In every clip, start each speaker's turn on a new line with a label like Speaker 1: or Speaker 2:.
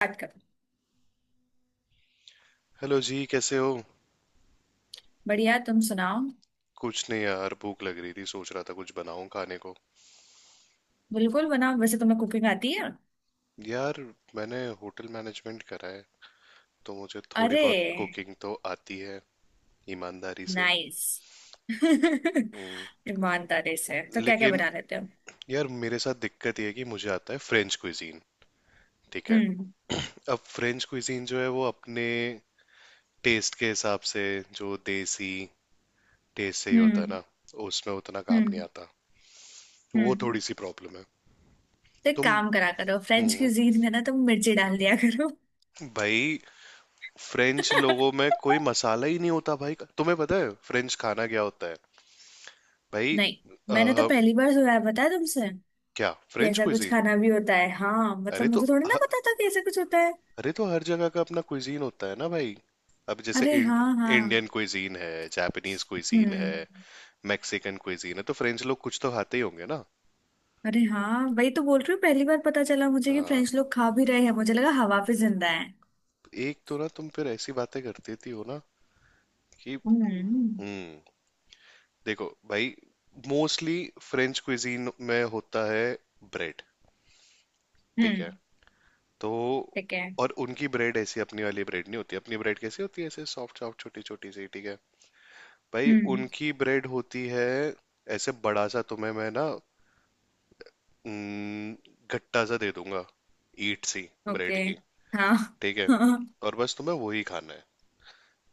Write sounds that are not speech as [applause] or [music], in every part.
Speaker 1: बात कर।
Speaker 2: हेलो जी, कैसे हो।
Speaker 1: बढ़िया, तुम सुनाओ।
Speaker 2: कुछ नहीं यार, भूख लग रही थी, सोच रहा था कुछ बनाऊं खाने को।
Speaker 1: बिल्कुल बनाओ। वैसे तुम्हें कुकिंग आती है?
Speaker 2: यार, मैंने होटल मैनेजमेंट करा है, तो मुझे थोड़ी
Speaker 1: अरे
Speaker 2: बहुत कुकिंग तो आती है, ईमानदारी से।
Speaker 1: नाइस। [laughs]
Speaker 2: हम्म,
Speaker 1: ईमानदारी से तो क्या क्या
Speaker 2: लेकिन
Speaker 1: बना लेते हो?
Speaker 2: यार मेरे साथ दिक्कत ये है कि मुझे आता है फ्रेंच कुइजीन। ठीक है।
Speaker 1: हम्म।
Speaker 2: अब फ्रेंच कुइजीन जो है वो अपने टेस्ट के हिसाब से, जो देसी टेस्ट से ही होता है
Speaker 1: हम्म।
Speaker 2: ना, उसमें उतना काम नहीं
Speaker 1: हम्म।
Speaker 2: आता। वो
Speaker 1: हम्म।
Speaker 2: थोड़ी सी प्रॉब्लम है।
Speaker 1: तो एक
Speaker 2: तुम
Speaker 1: काम करा करो, फ्रेंच
Speaker 2: हम्म
Speaker 1: क्यूजीन में ना तुम मिर्ची डाल दिया करो।
Speaker 2: भाई, फ्रेंच लोगों
Speaker 1: [laughs]
Speaker 2: में कोई मसाला ही नहीं होता। भाई तुम्हें पता है फ्रेंच खाना क्या होता है? भाई,
Speaker 1: नहीं,
Speaker 2: अ,
Speaker 1: मैंने तो पहली बार सुना है, बताया तुमसे
Speaker 2: क्या
Speaker 1: कि
Speaker 2: फ्रेंच
Speaker 1: ऐसा कुछ
Speaker 2: क्विजीन?
Speaker 1: खाना भी होता है। हाँ मतलब,
Speaker 2: अरे तो
Speaker 1: मुझे थोड़ी ना
Speaker 2: ह-
Speaker 1: पता था कि ऐसा कुछ होता है।
Speaker 2: अरे तो हर जगह का अपना क्विजीन होता है ना भाई। अब जैसे
Speaker 1: अरे हाँ हाँ।
Speaker 2: इंडियन क्विजीन है, जापानीज क्विजीन है,
Speaker 1: हम्म।
Speaker 2: मैक्सिकन क्विजीन है, तो फ्रेंच लोग कुछ तो खाते ही होंगे ना।
Speaker 1: अरे हाँ, वही तो बोल रही हूँ, पहली बार पता चला मुझे कि
Speaker 2: हाँ,
Speaker 1: फ्रेंच लोग खा भी रहे हैं। मुझे लगा हवा पे जिंदा है।
Speaker 2: एक तो ना तुम फिर ऐसी बातें करती थी हो ना कि…
Speaker 1: हम्म।
Speaker 2: हम्म देखो भाई, मोस्टली फ्रेंच क्विजीन में होता है ब्रेड। ठीक
Speaker 1: हम्म।
Speaker 2: है, तो
Speaker 1: ठीक है।
Speaker 2: और उनकी ब्रेड ऐसी अपनी वाली ब्रेड नहीं होती। अपनी ब्रेड कैसी होती है? ऐसे सॉफ्ट सॉफ्ट छोटी छोटी सी, ठीक है। भाई
Speaker 1: हम्म।
Speaker 2: उनकी ब्रेड होती है ऐसे बड़ा सा, तुम्हें मैं ना न, गट्टा सा दे दूंगा, ईट सी
Speaker 1: ओके।
Speaker 2: ब्रेड की,
Speaker 1: हाँ।
Speaker 2: ठीक
Speaker 1: [laughs]
Speaker 2: है।
Speaker 1: हाँ।
Speaker 2: और बस तुम्हें वही खाना है,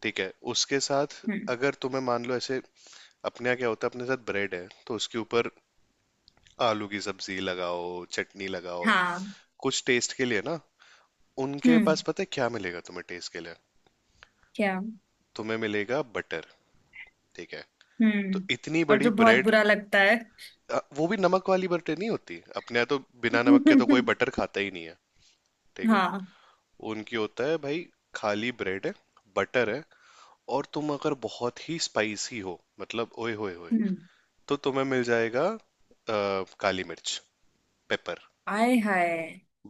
Speaker 2: ठीक है उसके साथ।
Speaker 1: हम्म।
Speaker 2: अगर तुम्हें मान लो ऐसे, अपने यहाँ क्या होता है? अपने साथ ब्रेड है तो उसके ऊपर आलू की सब्जी लगाओ, चटनी लगाओ,
Speaker 1: हाँ।
Speaker 2: कुछ टेस्ट के लिए ना। उनके
Speaker 1: हम्म।
Speaker 2: पास पता है क्या मिलेगा तुम्हें टेस्ट के लिए?
Speaker 1: क्या?
Speaker 2: तुम्हें मिलेगा बटर, ठीक है।
Speaker 1: हम्म।
Speaker 2: तो इतनी
Speaker 1: और
Speaker 2: बड़ी
Speaker 1: जो बहुत
Speaker 2: ब्रेड,
Speaker 1: बुरा लगता है।
Speaker 2: वो भी नमक वाली बटर नहीं होती। अपने यहाँ तो बिना नमक के तो कोई
Speaker 1: [laughs]
Speaker 2: बटर खाता ही नहीं है। ठीक है,
Speaker 1: हाँ।
Speaker 2: उनकी होता है भाई, खाली ब्रेड है, बटर है। और तुम अगर बहुत ही स्पाइसी हो, मतलब ओए होए होए,
Speaker 1: हम्म।
Speaker 2: तो तुम्हें मिल जाएगा काली मिर्च, पेपर,
Speaker 1: आय हाय।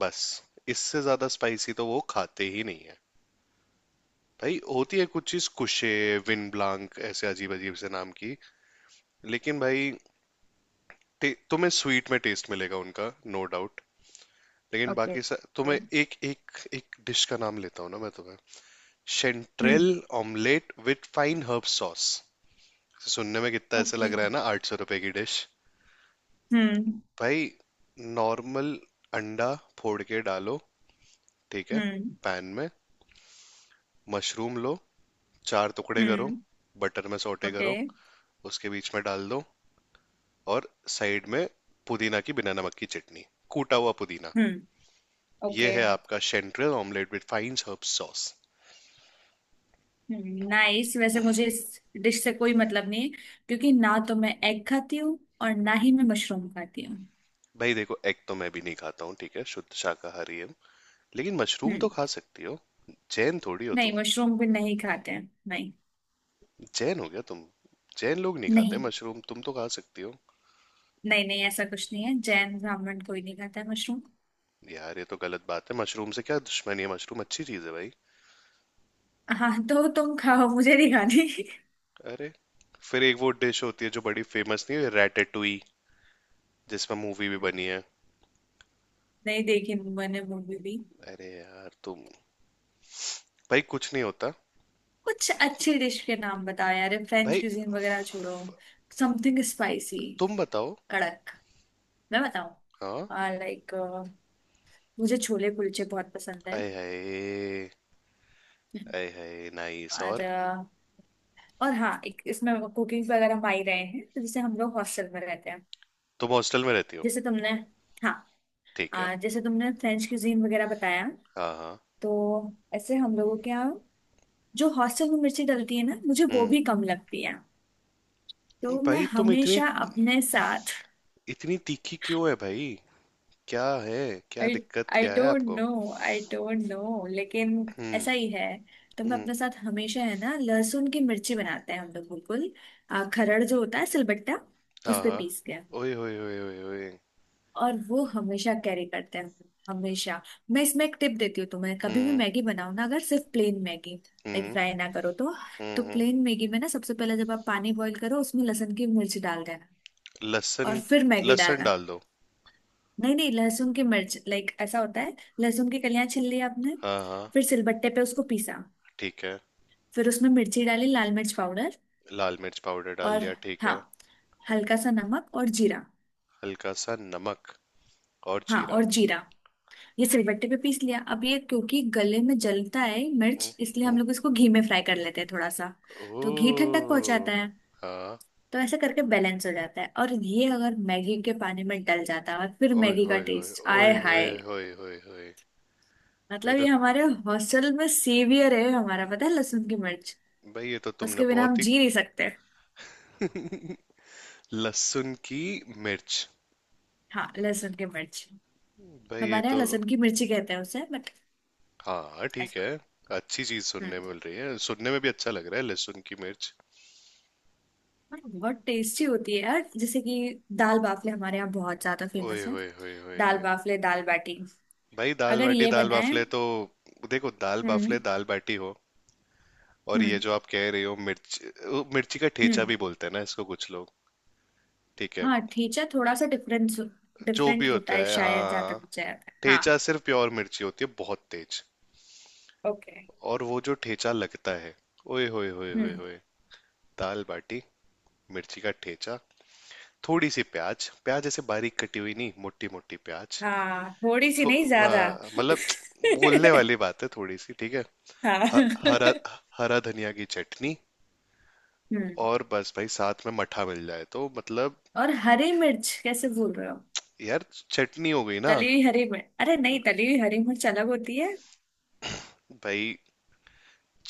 Speaker 2: बस। इससे ज्यादा स्पाइसी तो वो खाते ही नहीं है। भाई होती है कुछ चीज कुशे, विन ब्लांक, ऐसे अजीब अजीब से नाम की। लेकिन भाई, तुम्हें स्वीट में टेस्ट मिलेगा उनका, नो डाउट। लेकिन
Speaker 1: ओके।
Speaker 2: बाकी सा तुम्हें एक एक एक डिश का नाम लेता हूँ ना मैं तुम्हें। Chanterelle
Speaker 1: hmm.
Speaker 2: Omelette with fine herb sauce. सुनने में कितना ऐसे
Speaker 1: ओके।
Speaker 2: लग रहा है ना, 800 रुपए की डिश।
Speaker 1: हम्म।
Speaker 2: भाई, नॉर्मल अंडा फोड़ के डालो, ठीक है,
Speaker 1: हम्म।
Speaker 2: पैन में। मशरूम लो, चार टुकड़े करो,
Speaker 1: हम्म।
Speaker 2: बटर में सौटे
Speaker 1: ओके।
Speaker 2: करो, उसके बीच में डाल दो। और साइड में पुदीना की बिना नमक की चटनी, कूटा हुआ पुदीना।
Speaker 1: हम्म।
Speaker 2: ये
Speaker 1: ओके।
Speaker 2: है आपका chanterelle omelette with fine herb sauce.
Speaker 1: Nice. वैसे मुझे इस डिश से कोई मतलब नहीं है, क्योंकि ना तो मैं एग खाती हूँ और ना ही मैं मशरूम खाती हूँ।
Speaker 2: भाई देखो, एग तो मैं भी नहीं खाता हूँ, ठीक है, शुद्ध शाकाहारी हूँ। लेकिन मशरूम तो
Speaker 1: हम्म।
Speaker 2: खा सकती हो, जैन थोड़ी हो
Speaker 1: नहीं,
Speaker 2: तुम।
Speaker 1: मशरूम भी नहीं खाते हैं। नहीं
Speaker 2: जैन हो गया तुम? जैन लोग नहीं खाते
Speaker 1: नहीं।
Speaker 2: मशरूम, तुम तो खा सकती हो।
Speaker 1: नहीं, नहीं, ऐसा कुछ नहीं है। जैन, ब्राह्मण कोई नहीं खाता है मशरूम।
Speaker 2: यार ये तो गलत बात है, मशरूम से क्या दुश्मनी है? मशरूम अच्छी चीज है भाई।
Speaker 1: हाँ तो तुम खाओ, मुझे नहीं खानी।
Speaker 2: अरे, फिर एक वो डिश होती है जो बड़ी फेमस नहीं है, रैटेटुई, जिसमें मूवी भी
Speaker 1: हम्म।
Speaker 2: बनी है।
Speaker 1: नहीं देखी मैंने मूवी भी।
Speaker 2: अरे यार तुम, भाई कुछ नहीं होता।
Speaker 1: कुछ अच्छी डिश के नाम बताओ यार, फ्रेंच
Speaker 2: भाई
Speaker 1: क्यूजीन वगैरह छोड़ो। Something spicy.
Speaker 2: तुम बताओ।
Speaker 1: कड़क। मैं बताऊं?
Speaker 2: हाँ,
Speaker 1: लाइक मुझे छोले कुलचे बहुत पसंद है।
Speaker 2: आए हाय, आए हाय नाइस।
Speaker 1: और
Speaker 2: और
Speaker 1: और हाँ, एक इसमें कुकिंग वगैरह हम आ ही रहे हैं, तो जैसे हम लोग हॉस्टल में रहते हैं।
Speaker 2: तुम हॉस्टल में रहती हो?
Speaker 1: जैसे तुमने हाँ।
Speaker 2: ठीक है।
Speaker 1: जैसे तुमने फ्रेंच क्यूजीन वगैरह बताया।
Speaker 2: हाँ हाँ।
Speaker 1: तो ऐसे हम लोगों के यहाँ, जो हॉस्टल में मिर्ची डलती है ना, मुझे वो
Speaker 2: हम्म
Speaker 1: भी कम लगती है। तो मैं
Speaker 2: भाई तुम इतनी
Speaker 1: हमेशा अपने साथ,
Speaker 2: इतनी तीखी क्यों है भाई? क्या है? क्या
Speaker 1: आई
Speaker 2: दिक्कत
Speaker 1: आई
Speaker 2: क्या है
Speaker 1: डोंट
Speaker 2: आपको?
Speaker 1: नो। आई डोंट नो, लेकिन ऐसा ही
Speaker 2: हम्म।
Speaker 1: है। तो मैं
Speaker 2: हम्म।
Speaker 1: अपने साथ हमेशा, है ना, लहसुन की मिर्ची बनाते हैं हम लोग। बिल्कुल, खरड़ जो होता है, सिलबट्टा, उस
Speaker 2: हाँ
Speaker 1: पे
Speaker 2: हाँ।
Speaker 1: पीस के।
Speaker 2: ओए ओए ओए ओए ओए।
Speaker 1: और वो हमेशा कैरी करते हैं, हमेशा। मैं इसमें एक टिप देती हूँ तुम्हें, कभी भी
Speaker 2: हम्म
Speaker 1: मैगी बनाओ ना, अगर सिर्फ plain Maggi, like
Speaker 2: hmm
Speaker 1: fry ना करो तो
Speaker 2: हम्म
Speaker 1: प्लेन मैगी में ना, सबसे पहले जब आप पानी बॉईल करो, उसमें लहसुन की मिर्च डाल देना,
Speaker 2: लहसुन।
Speaker 1: और फिर मैगी
Speaker 2: लहसुन
Speaker 1: डालना।
Speaker 2: डाल दो।
Speaker 1: नहीं नहीं, लहसुन की मिर्च, लाइक ऐसा होता है, लहसुन की कलियां छील ली आपने,
Speaker 2: हाँ हाँ,
Speaker 1: फिर सिलबट्टे पे उसको पीसा,
Speaker 2: ठीक है।
Speaker 1: फिर उसमें मिर्ची डाली, लाल मिर्च पाउडर,
Speaker 2: लाल मिर्च पाउडर डाल
Speaker 1: और
Speaker 2: दिया, ठीक
Speaker 1: हाँ,
Speaker 2: है।
Speaker 1: हल्का सा नमक और जीरा।
Speaker 2: हल्का सा नमक और
Speaker 1: हाँ,
Speaker 2: जीरा।
Speaker 1: और जीरा। ये सिलबट्टे पे पीस लिया। अब ये क्योंकि गले में जलता है
Speaker 2: हम्म।
Speaker 1: मिर्च, इसलिए
Speaker 2: हम्म।
Speaker 1: हम लोग इसको घी में फ्राई कर लेते हैं थोड़ा सा। तो घी ठंडक पहुंचाता
Speaker 2: ओ।
Speaker 1: है,
Speaker 2: हाँ।
Speaker 1: तो ऐसे करके बैलेंस हो जाता है। और ये अगर मैगी के पानी में डल जाता है, फिर
Speaker 2: ओए
Speaker 1: मैगी का
Speaker 2: होए होए,
Speaker 1: टेस्ट,
Speaker 2: ओए
Speaker 1: आय
Speaker 2: होए
Speaker 1: हाय।
Speaker 2: होए होए होए। भाई
Speaker 1: मतलब ये
Speaker 2: तो,
Speaker 1: हमारे हॉस्टल में सेवियर है हमारा, पता है, लहसुन की मिर्च।
Speaker 2: भाई ये तो तुमने
Speaker 1: उसके बिना
Speaker 2: बहुत
Speaker 1: हम
Speaker 2: ही…
Speaker 1: जी नहीं सकते।
Speaker 2: लहसुन की मिर्च।
Speaker 1: हाँ, लहसुन की मिर्च।
Speaker 2: भाई ये
Speaker 1: हमारे यहाँ
Speaker 2: तो…
Speaker 1: लहसुन की मिर्ची कहते हैं उसे, बट
Speaker 2: हाँ ठीक
Speaker 1: ऐसा।
Speaker 2: है। अच्छी चीज
Speaker 1: हम्म।
Speaker 2: सुनने मिल रही है, सुनने में भी अच्छा लग रहा है, लहसुन की मिर्च।
Speaker 1: और बहुत टेस्टी होती है यार, जैसे कि दाल बाफले हमारे यहाँ बहुत ज्यादा
Speaker 2: ओए
Speaker 1: फेमस है।
Speaker 2: होए होए होए
Speaker 1: दाल
Speaker 2: होए।
Speaker 1: बाफले, दाल बाटी,
Speaker 2: भाई दाल
Speaker 1: अगर
Speaker 2: बाटी
Speaker 1: ये
Speaker 2: दाल
Speaker 1: बनाए।
Speaker 2: बाफले तो… देखो, दाल
Speaker 1: हम्म।
Speaker 2: बाफले दाल बाटी हो, और ये
Speaker 1: हम्म।
Speaker 2: जो आप कह रहे हो मिर्च, वो मिर्ची का ठेचा
Speaker 1: हम्म।
Speaker 2: भी बोलते हैं ना इसको कुछ लोग, ठीक है।
Speaker 1: हाँ, ठेचा थोड़ा सा डिफरेंस
Speaker 2: जो भी
Speaker 1: डिफरेंट होता
Speaker 2: होता
Speaker 1: है
Speaker 2: है, हाँ
Speaker 1: शायद, जहाँ
Speaker 2: हाँ,
Speaker 1: तक
Speaker 2: हाँ।
Speaker 1: मुझे याद है।
Speaker 2: ठेचा
Speaker 1: हाँ।
Speaker 2: सिर्फ प्योर मिर्ची होती है, बहुत तेज।
Speaker 1: ओके।
Speaker 2: और वो जो ठेचा लगता है, ओए होए होए होए
Speaker 1: हम्म।
Speaker 2: होए। दाल बाटी, मिर्ची का ठेचा, थोड़ी सी प्याज, प्याज ऐसे बारीक कटी हुई नहीं, मोटी मोटी प्याज।
Speaker 1: हाँ, थोड़ी सी
Speaker 2: तो
Speaker 1: नहीं, ज्यादा।
Speaker 2: मतलब बोलने वाली बात है, थोड़ी सी, ठीक है।
Speaker 1: [laughs]
Speaker 2: ह- हरा
Speaker 1: हाँ।
Speaker 2: हरा धनिया की चटनी,
Speaker 1: हम्म।
Speaker 2: और बस, भाई साथ में मठा मिल जाए तो मतलब…
Speaker 1: और हरी मिर्च कैसे बोल रहे हो?
Speaker 2: यार, चटनी हो गई ना
Speaker 1: तली हुई हरी मिर्च, अरे नहीं, तली हुई हरी मिर्च अलग होती है।
Speaker 2: भाई।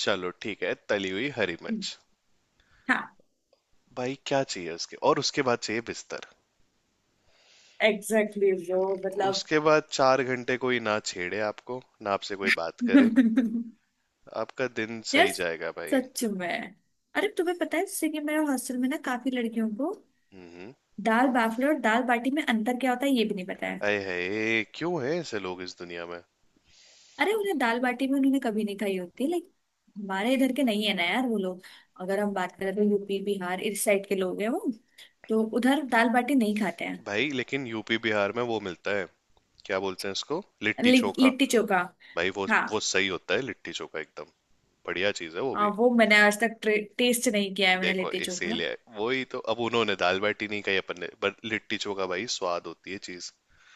Speaker 2: चलो ठीक है, तली हुई हरी
Speaker 1: हम्म।
Speaker 2: मिर्च।
Speaker 1: हाँ।
Speaker 2: भाई क्या चाहिए उसके, और उसके बाद चाहिए बिस्तर।
Speaker 1: एग्जैक्टली, exactly, bro, मतलब।
Speaker 2: उसके बाद 4 घंटे कोई ना छेड़े आपको, ना आपसे कोई बात करे,
Speaker 1: [laughs]
Speaker 2: आपका दिन
Speaker 1: यार,
Speaker 2: सही जाएगा भाई।
Speaker 1: सच में। अरे तुम्हें पता है, सिक्किम में और हॉस्टल में ना, काफी लड़कियों को
Speaker 2: हम्म
Speaker 1: दाल बाफले और दाल बाटी में अंतर क्या होता है, ये भी नहीं पता है।
Speaker 2: अये है, क्यों है ऐसे लोग इस दुनिया में?
Speaker 1: अरे उन्हें दाल बाटी भी उन्होंने कभी नहीं खाई होती, लाइक हमारे इधर के नहीं है ना यार वो लोग। अगर हम बात करें तो यूपी बिहार इस साइड के लोग हैं वो, तो उधर दाल बाटी नहीं खाते हैं।
Speaker 2: भाई लेकिन यूपी बिहार में वो मिलता है, क्या बोलते हैं इसको, लिट्टी चोखा।
Speaker 1: लिट्टी चोखा।
Speaker 2: भाई वो
Speaker 1: हाँ।
Speaker 2: वो सही होता है, लिट्टी चोखा एकदम बढ़िया चीज है वो
Speaker 1: हाँ,
Speaker 2: भी।
Speaker 1: वो मैंने आज तक टेस्ट नहीं किया है, मैंने
Speaker 2: देखो
Speaker 1: लिट्टी चोखा।
Speaker 2: इसीलिए, वही तो, अब उन्होंने दाल बाटी नहीं कही अपन ने, पर लिट्टी चोखा भाई स्वाद होती है चीज।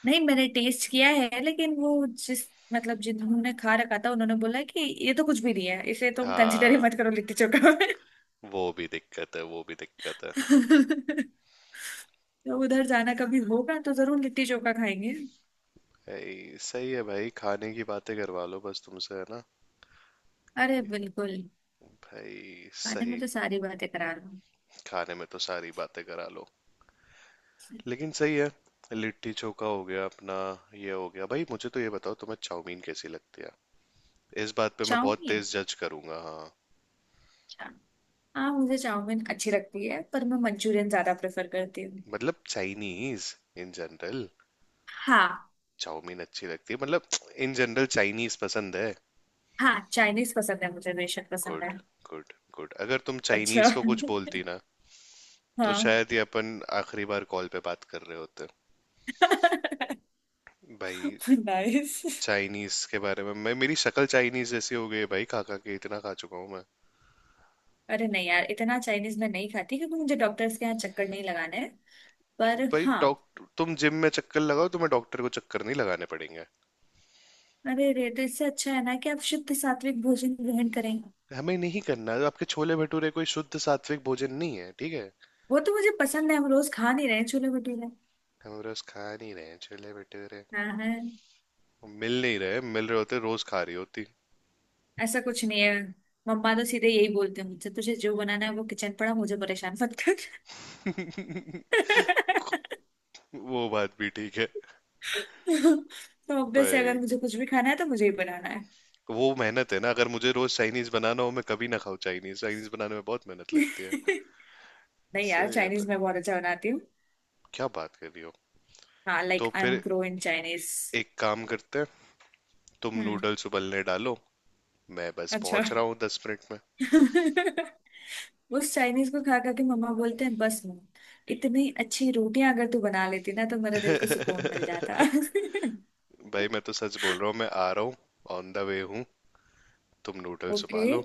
Speaker 1: नहीं, मैंने टेस्ट किया है, लेकिन वो जिस, मतलब जिन्होंने खा रखा था, उन्होंने बोला कि ये तो कुछ भी नहीं है, इसे तुम कंसिडर ही
Speaker 2: हाँ,
Speaker 1: मत करो लिट्टी चोखा में।
Speaker 2: वो भी दिक्कत है, वो भी दिक्कत है।
Speaker 1: [laughs] तो उधर जाना कभी होगा तो जरूर लिट्टी चोखा खाएंगे।
Speaker 2: भाई सही है भाई, खाने की बातें करवा लो बस तुमसे है ना
Speaker 1: अरे बिल्कुल।
Speaker 2: भाई।
Speaker 1: खाने
Speaker 2: सही,
Speaker 1: में तो सारी बातें करार हूँ।
Speaker 2: खाने में तो सारी बातें करा लो। लेकिन सही है, लिट्टी चोखा हो गया अपना, ये हो गया भाई। मुझे तो ये बताओ, तुम्हें चाउमीन कैसी लगती है? इस बात पे मैं बहुत
Speaker 1: चाउमीन?
Speaker 2: तेज जज करूंगा हाँ।
Speaker 1: अच्छा। हाँ, मुझे चाउमीन अच्छी लगती है, पर मैं मंचूरियन ज्यादा प्रेफर करती हूँ।
Speaker 2: मतलब चाइनीज इन जनरल।
Speaker 1: हाँ।
Speaker 2: चाउमीन अच्छी लगती है मतलब, इन जनरल चाइनीज पसंद है?
Speaker 1: हाँ, चाइनीज पसंद है मुझे, बेशक पसंद है।
Speaker 2: गुड। Good good. अगर तुम
Speaker 1: अच्छा।
Speaker 2: चाइनीज को कुछ
Speaker 1: [laughs]
Speaker 2: बोलती ना, तो
Speaker 1: हाँ।
Speaker 2: शायद ये अपन आखिरी बार कॉल पे बात कर रहे होते
Speaker 1: [laughs]
Speaker 2: भाई।
Speaker 1: नाइस।
Speaker 2: चाइनीज के बारे में, मैं, मेरी शक्ल चाइनीज जैसी हो गई है भाई, खा खा के, इतना खा चुका हूँ मैं।
Speaker 1: अरे नहीं यार, इतना चाइनीज मैं नहीं खाती, क्योंकि मुझे डॉक्टर्स के यहाँ चक्कर नहीं लगाना है।
Speaker 2: तो
Speaker 1: पर
Speaker 2: भाई
Speaker 1: हाँ।
Speaker 2: डॉक्टर, तुम जिम में चक्कर लगाओ, तुम्हें डॉक्टर को चक्कर नहीं लगाने पड़ेंगे।
Speaker 1: अरे रे, तो इससे अच्छा है ना कि आप शुद्ध सात्विक भोजन ग्रहण करें।
Speaker 2: हमें नहीं करना, आपके छोले भटूरे कोई शुद्ध सात्विक भोजन नहीं है, ठीक है।
Speaker 1: वो तो मुझे पसंद है, हम रोज खा नहीं रहे छोले भटूरे।
Speaker 2: हम रोज खा नहीं रहे हैं छोले भटूरे,
Speaker 1: हाँ हाँ।
Speaker 2: मिल नहीं रहे, मिल रहे होते रोज खा रही होती।
Speaker 1: ऐसा कुछ नहीं है। मम्मा तो सीधे यही बोलते हैं मुझसे, तुझे जो बनाना है वो, किचन पड़ा, मुझे परेशान मत कर।
Speaker 2: [laughs]
Speaker 1: [laughs]
Speaker 2: वो बात भी ठीक है।
Speaker 1: तो ऑब्वियस है, अगर
Speaker 2: भाई
Speaker 1: मुझे कुछ भी खाना है तो मुझे ही बनाना है।
Speaker 2: वो मेहनत है ना, अगर मुझे रोज चाइनीज बनाना हो मैं कभी ना खाऊं चाइनीज। चाइनीज बनाने में बहुत मेहनत
Speaker 1: [laughs]
Speaker 2: लगती है।
Speaker 1: नहीं यार,
Speaker 2: सही है
Speaker 1: चाइनीज
Speaker 2: भाई,
Speaker 1: मैं बहुत अच्छा बनाती हूँ।
Speaker 2: क्या बात कर रही हो।
Speaker 1: हाँ, लाइक
Speaker 2: तो
Speaker 1: आई एम
Speaker 2: फिर
Speaker 1: प्रो इन चाइनीज।
Speaker 2: एक काम करते हैं, तुम
Speaker 1: हम्म।
Speaker 2: नूडल्स उबलने डालो, मैं बस
Speaker 1: अच्छा।
Speaker 2: पहुंच रहा हूँ 10 मिनट में।
Speaker 1: [laughs] उस चाइनीज को खा खा के मम्मा बोलते हैं, बस मम्मा, इतनी अच्छी रोटियां अगर तू बना लेती ना, तो मेरा दिल को सुकून मिल जाता।
Speaker 2: [laughs]
Speaker 1: [laughs]
Speaker 2: भाई मैं तो सच बोल रहा हूँ, मैं आ रहा हूँ, ऑन द वे हूँ, तुम नूडल्स
Speaker 1: ओके।
Speaker 2: उबालो।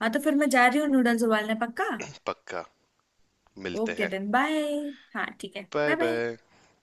Speaker 1: हाँ, तो फिर मैं जा रही हूँ नूडल्स उबालने। पक्का।
Speaker 2: पक्का। मिलते
Speaker 1: ओके
Speaker 2: हैं।
Speaker 1: Then bye. हाँ ठीक है,
Speaker 2: बाय
Speaker 1: बाय बाय।
Speaker 2: बाय।